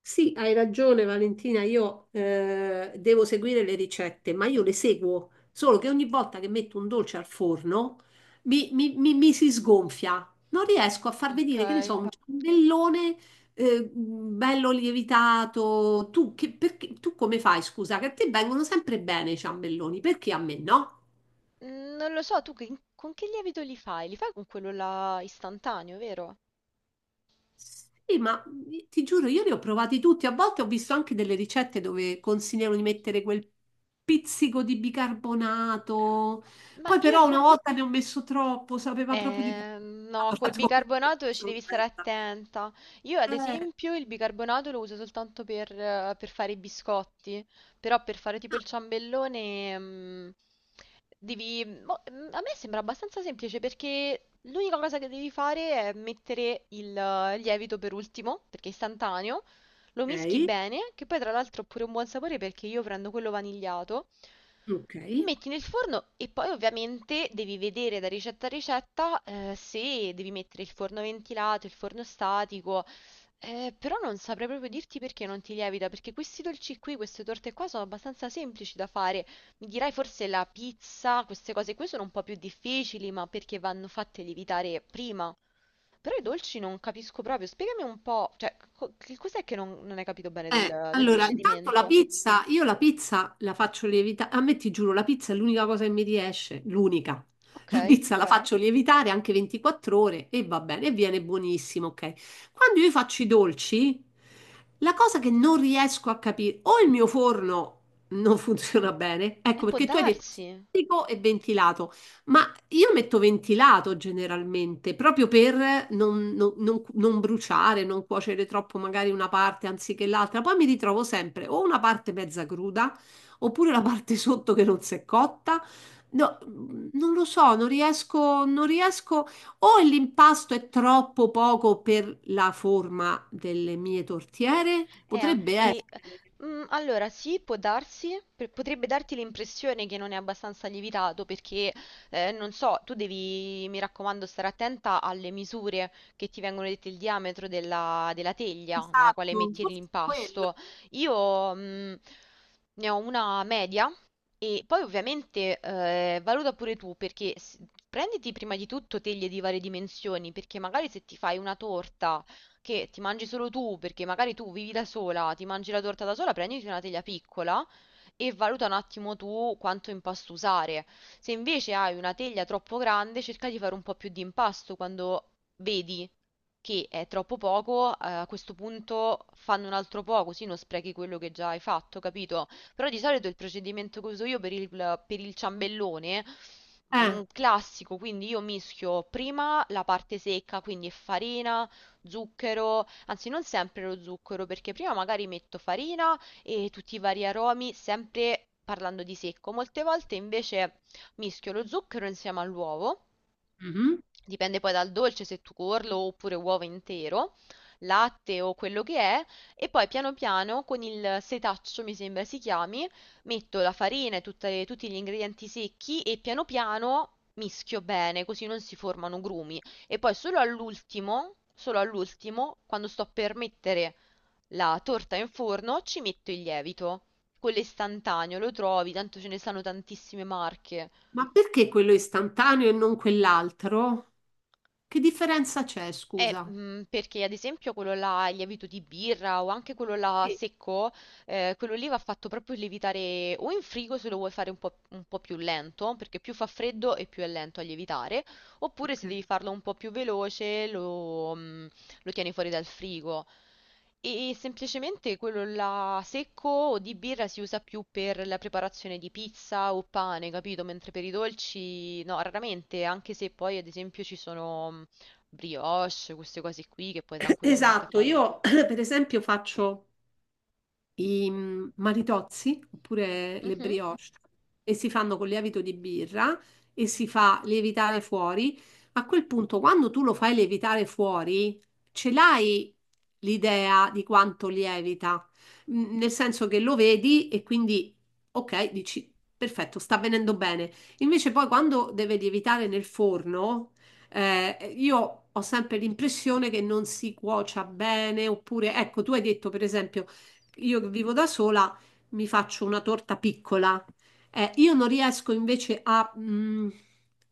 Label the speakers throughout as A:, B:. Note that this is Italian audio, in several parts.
A: Sì, hai ragione Valentina, io devo seguire le ricette, ma io le seguo, solo che ogni volta che metto un dolce al forno mi si sgonfia, non riesco a far
B: Ok.
A: vedere, che ne so, un infatti, ciambellone bello lievitato. Tu come fai, scusa, che a te vengono sempre bene i ciambelloni, perché a me no?
B: Non lo so, con che lievito li fai? Li fai con quello là istantaneo, vero?
A: Sì, ma ti giuro, io li ho provati tutti. A volte ho visto anche delle ricette dove consigliano di mettere quel pizzico di bicarbonato.
B: Ma
A: Poi
B: io,
A: però una volta ne ho messo troppo, sapeva proprio di
B: No, col
A: bicarbonato la
B: bicarbonato ci devi stare
A: torta.
B: attenta. Io, ad
A: Eh,
B: esempio, il bicarbonato lo uso soltanto per fare i biscotti, però per fare tipo
A: ah,
B: il ciambellone, mm, a me sembra abbastanza semplice perché l'unica cosa che devi fare è mettere il lievito per ultimo, perché è istantaneo, lo mischi
A: ok,
B: bene, che poi tra l'altro ha pure un buon sapore perché io prendo quello vanigliato.
A: ok.
B: Metti nel forno e poi ovviamente devi vedere da ricetta a ricetta, se devi mettere il forno ventilato, il forno statico, però non saprei proprio dirti perché non ti lievita, perché questi dolci qui, queste torte qua sono abbastanza semplici da fare. Mi dirai forse la pizza, queste cose qui sono un po' più difficili, ma perché vanno fatte lievitare prima. Però i dolci non capisco proprio, spiegami un po', cioè, che cos'è che non hai capito bene del
A: Allora, intanto la
B: procedimento?
A: pizza, io la pizza la faccio lievitare, a me ti giuro, la pizza è l'unica cosa che mi riesce, l'unica.
B: Ok,
A: La pizza la, ok, faccio lievitare anche 24 ore e va bene, e viene buonissimo, ok? Quando io faccio i dolci, la cosa che non riesco a capire, o il mio forno non funziona bene, ecco
B: può
A: perché tu hai detto
B: darsi.
A: statico e ventilato. Ma io metto ventilato generalmente, proprio per non bruciare, non cuocere troppo magari una parte anziché l'altra. Poi mi ritrovo sempre o una parte mezza cruda, oppure la parte sotto che non si è cotta. No, non lo so, non riesco, non riesco. O l'impasto è troppo poco per la forma delle mie tortiere?
B: E
A: Potrebbe
B: anche...
A: essere.
B: Allora, sì, può darsi, potrebbe darti l'impressione che non è abbastanza lievitato perché, non so, tu devi, mi raccomando, stare attenta alle misure che ti vengono dette, il diametro della, della teglia nella quale
A: Esatto,
B: metti
A: forse è quello.
B: l'impasto. Io, ne ho una media e poi ovviamente, valuta pure tu perché prenditi prima di tutto teglie di varie dimensioni perché magari se ti fai una torta che ti mangi solo tu, perché magari tu vivi da sola, ti mangi la torta da sola, prenditi una teglia piccola e valuta un attimo tu quanto impasto usare. Se invece hai una teglia troppo grande, cerca di fare un po' più di impasto quando vedi che è troppo poco, a questo punto fanno un altro po', così non sprechi quello che già hai fatto, capito? Però di solito il procedimento che uso io per il ciambellone
A: Eh.
B: classico, quindi io mischio prima la parte secca, quindi farina, zucchero, anzi non sempre lo zucchero, perché prima magari metto farina e tutti i vari aromi, sempre parlando di secco. Molte volte invece mischio lo zucchero insieme all'uovo.
A: Mhm.
B: Dipende poi dal dolce, se tu tuorlo oppure uovo intero, latte o quello che è, e poi piano piano con il setaccio, mi sembra si chiami, metto la farina e tutti gli ingredienti secchi e piano piano mischio bene, così non si formano grumi. E poi solo all'ultimo, quando sto per mettere la torta in forno, ci metto il lievito. Quello istantaneo, lo trovi, tanto ce ne stanno tantissime marche.
A: Ma perché quello è istantaneo e non quell'altro? Che differenza c'è, scusa?
B: Perché ad esempio quello là, il lievito di birra o anche quello là
A: Sì,
B: secco, quello lì va fatto proprio lievitare o in frigo se lo vuoi fare un po' più lento, perché più fa freddo e più è lento a lievitare, oppure
A: ok.
B: se devi farlo un po' più veloce lo tieni fuori dal frigo. E semplicemente quello là secco o di birra si usa più per la preparazione di pizza o pane, capito? Mentre per i dolci, no, raramente, anche se poi ad esempio ci sono brioche, queste cose qui che puoi tranquillamente
A: Esatto,
B: fare.
A: io per esempio faccio i maritozzi oppure le
B: Mhm.
A: brioche e si fanno con lievito di birra e si fa lievitare fuori. A quel punto, quando tu lo fai lievitare fuori, ce l'hai l'idea di quanto lievita, nel senso che lo vedi e quindi, ok, dici, perfetto, sta venendo bene. Invece poi quando deve lievitare nel forno, io ho sempre l'impressione che non si cuocia bene, oppure, ecco, tu hai detto per esempio io che vivo da sola mi faccio una torta piccola. Io non riesco invece a,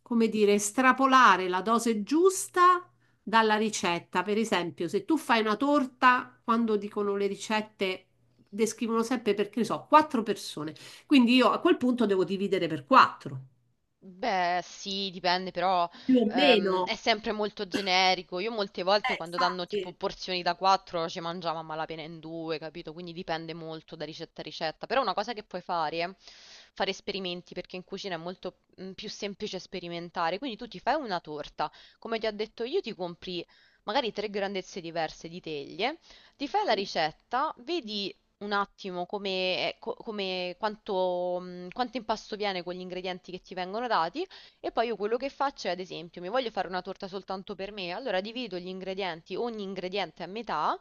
A: come dire, estrapolare la dose giusta dalla ricetta. Per esempio, se tu fai una torta, quando dicono le ricette, descrivono sempre perché ne so, quattro persone. Quindi io a quel punto devo dividere per quattro,
B: Beh, sì, dipende, però
A: più o
B: è
A: meno.
B: sempre molto generico. Io molte volte quando danno tipo
A: Infatti.
B: porzioni da 4 ci mangiamo a malapena in due, capito? Quindi dipende molto da ricetta a ricetta. Però una cosa che puoi fare è fare esperimenti, perché in cucina è molto più semplice sperimentare. Quindi tu ti fai una torta, come ti ho detto io, ti compri magari tre grandezze diverse di teglie. Ti fai la
A: Ok.
B: ricetta, vedi un attimo come, co- come- quanto, quanto impasto viene con gli ingredienti che ti vengono dati e poi io quello che faccio è, ad esempio, mi voglio fare una torta soltanto per me, allora divido gli ingredienti, ogni ingrediente a metà,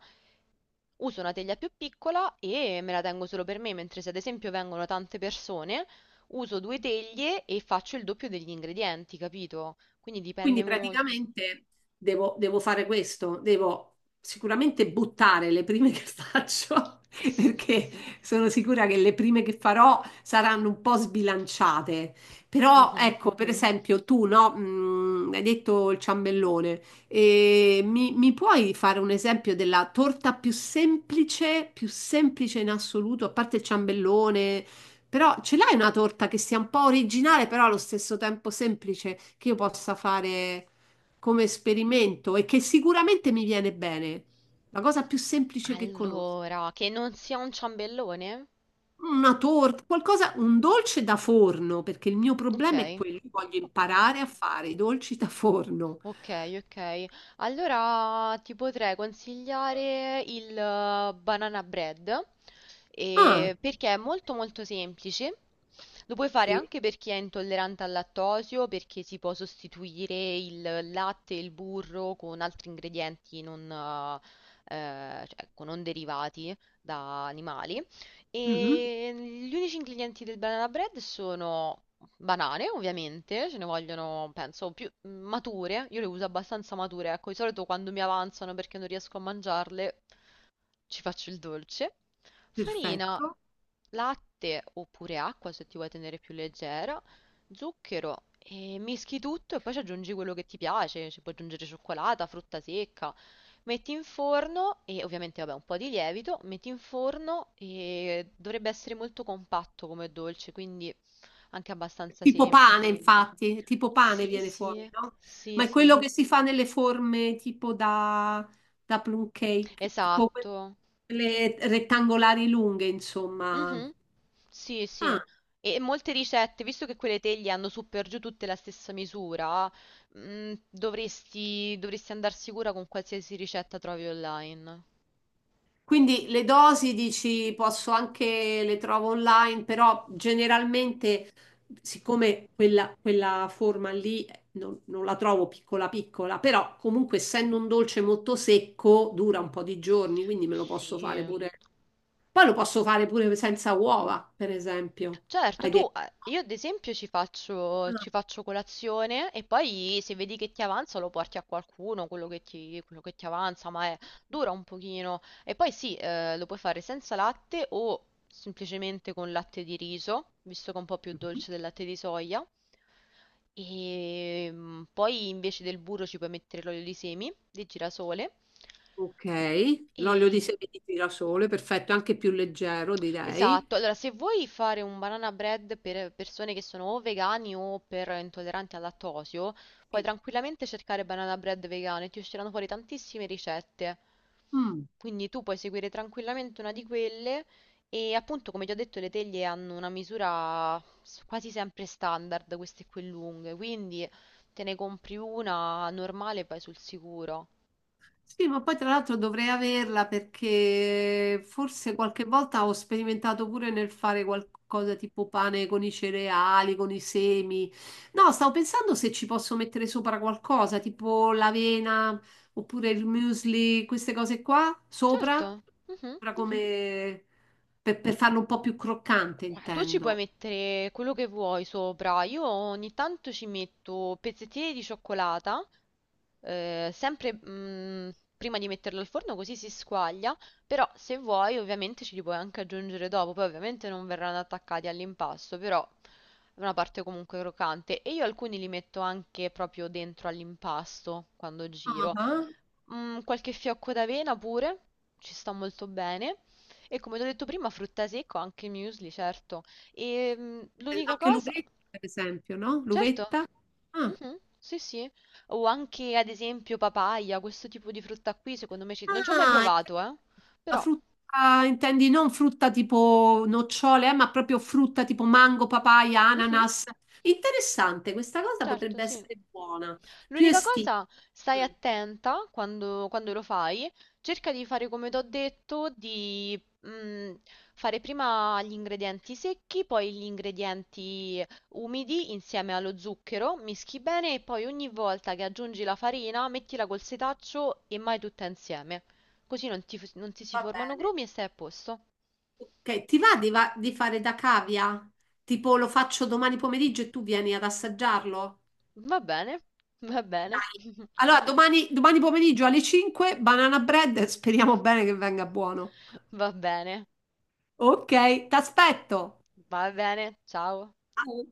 B: uso una teglia più piccola e me la tengo solo per me, mentre se ad esempio vengono tante persone, uso due teglie e faccio il doppio degli ingredienti, capito? Quindi dipende
A: Quindi
B: molto.
A: praticamente devo fare questo, devo sicuramente buttare le prime che faccio,
B: S- s-
A: perché sono sicura che le prime che farò saranno un po' sbilanciate. Però
B: Mhm.
A: ecco, per esempio, tu no, hai detto il ciambellone. E mi puoi fare un esempio della torta più semplice in assoluto, a parte il ciambellone? Però ce l'hai una torta che sia un po' originale, però allo stesso tempo semplice, che io possa fare come esperimento e che sicuramente mi viene bene. La cosa più semplice che conosco.
B: Allora, che non sia un ciambellone?
A: Una torta, qualcosa, un dolce da forno, perché il mio
B: Ok.
A: problema è quello, io voglio
B: Ok.
A: imparare a fare i dolci da forno.
B: Ok, ok. Allora ti potrei consigliare il banana bread,
A: Ah,
B: perché è molto molto semplice. Lo puoi fare
A: sì.
B: anche per chi è intollerante al lattosio, perché si può sostituire il latte e il burro con altri ingredienti non, cioè, ecco, non derivati da animali.
A: Mhm,
B: E gli unici ingredienti del banana bread sono banane, ovviamente, ce ne vogliono, penso, più mature. Io le uso abbastanza mature, ecco, di solito quando mi avanzano perché non riesco a mangiarle, ci faccio il dolce. Farina,
A: perfetto.
B: latte oppure acqua se ti vuoi tenere più leggera, zucchero e mischi tutto e poi ci aggiungi quello che ti piace, ci puoi aggiungere cioccolata, frutta secca. Metti in forno e ovviamente vabbè un po' di lievito, metti in forno e dovrebbe essere molto compatto come dolce, quindi anche abbastanza
A: Tipo pane,
B: semplice.
A: infatti, tipo pane
B: Sì,
A: viene
B: sì,
A: fuori, no?
B: sì,
A: Ma è
B: sì,
A: quello che si fa nelle forme tipo da plum cake, tipo
B: esatto.
A: quelle rettangolari lunghe, insomma.
B: Mhm. Sì, sì.
A: Ah,
B: E molte ricette, visto che quelle teglie hanno su per giù tutte la stessa misura, dovresti andare sicura con qualsiasi ricetta trovi online.
A: quindi le dosi dici posso anche le trovo online, però generalmente, siccome quella forma lì non la trovo piccola piccola, però comunque essendo un dolce molto secco dura un po' di giorni, quindi me lo posso
B: Sì.
A: fare pure. Poi lo posso fare pure senza uova, per esempio.
B: Certo,
A: Hai detto.
B: tu, io ad esempio ci faccio, ci
A: Ah,
B: faccio colazione e poi se vedi che ti avanza lo porti a qualcuno, quello che ti avanza, dura un pochino. E poi sì, lo puoi fare senza latte o semplicemente con latte di riso, visto che è un po' più dolce del latte di soia. E poi invece del burro ci puoi mettere l'olio di semi di girasole.
A: ok, l'olio di semi di girasole, perfetto, anche più leggero, direi.
B: Esatto, allora se vuoi fare un banana bread per persone che sono o vegani o per intolleranti al lattosio, puoi
A: Sì.
B: tranquillamente cercare banana bread vegano e ti usciranno fuori tantissime ricette.
A: Mm.
B: Quindi tu puoi seguire tranquillamente una di quelle e appunto come ti ho detto le teglie hanno una misura quasi sempre standard, queste qui lunghe, quindi te ne compri una normale e vai sul sicuro.
A: Sì, ma poi tra l'altro dovrei averla perché forse qualche volta ho sperimentato pure nel fare qualcosa tipo pane con i cereali, con i semi. No, stavo pensando se ci posso mettere sopra qualcosa, tipo l'avena oppure il muesli, queste cose qua, sopra,
B: Certo. Mhm.
A: sopra come per farlo un po' più croccante,
B: Guarda, tu ci puoi
A: intendo.
B: mettere quello che vuoi sopra. Io ogni tanto ci metto pezzettini di cioccolata, eh, sempre mm, prima di metterlo al forno così si squaglia, però se vuoi ovviamente ce li puoi anche aggiungere dopo, poi ovviamente non verranno attaccati all'impasto, però è una parte comunque croccante e io alcuni li metto anche proprio dentro all'impasto quando
A: Ah,
B: giro.
A: ah.
B: Qualche fiocco d'avena pure, ci sta molto bene. E come ti ho detto prima, frutta secca, anche muesli, certo. E l'unica
A: Anche
B: cosa...
A: l'uvetta, per esempio, no?
B: Certo.
A: L'uvetta. Ah.
B: Mh-mh. Sì, sì. O anche ad esempio papaya, questo tipo di frutta qui secondo me ci non ci ho mai
A: Ah,
B: provato,
A: la
B: però
A: frutta, intendi non frutta tipo nocciole, ma proprio frutta tipo mango, papaya,
B: mh-mh,
A: ananas. Interessante, questa cosa
B: certo,
A: potrebbe
B: sì.
A: essere buona. Più
B: L'unica
A: estiva.
B: cosa, stai
A: Mm,
B: attenta quando, quando lo fai, cerca di fare come ti ho detto, di mm, fare prima gli ingredienti secchi, poi gli ingredienti umidi insieme allo zucchero, mischi bene e poi ogni volta che aggiungi la farina mettila col setaccio e mai tutta insieme. Così non ti si
A: Va
B: formano
A: bene.
B: grumi e stai a posto.
A: Ok, ti va di fare da cavia? Tipo lo faccio domani pomeriggio e tu vieni ad assaggiarlo?
B: Va bene, va bene,
A: Dai. Allora, domani pomeriggio alle 5, banana bread, speriamo bene che venga buono.
B: va bene,
A: Ok, ti aspetto.
B: va bene, ciao.
A: Ciao.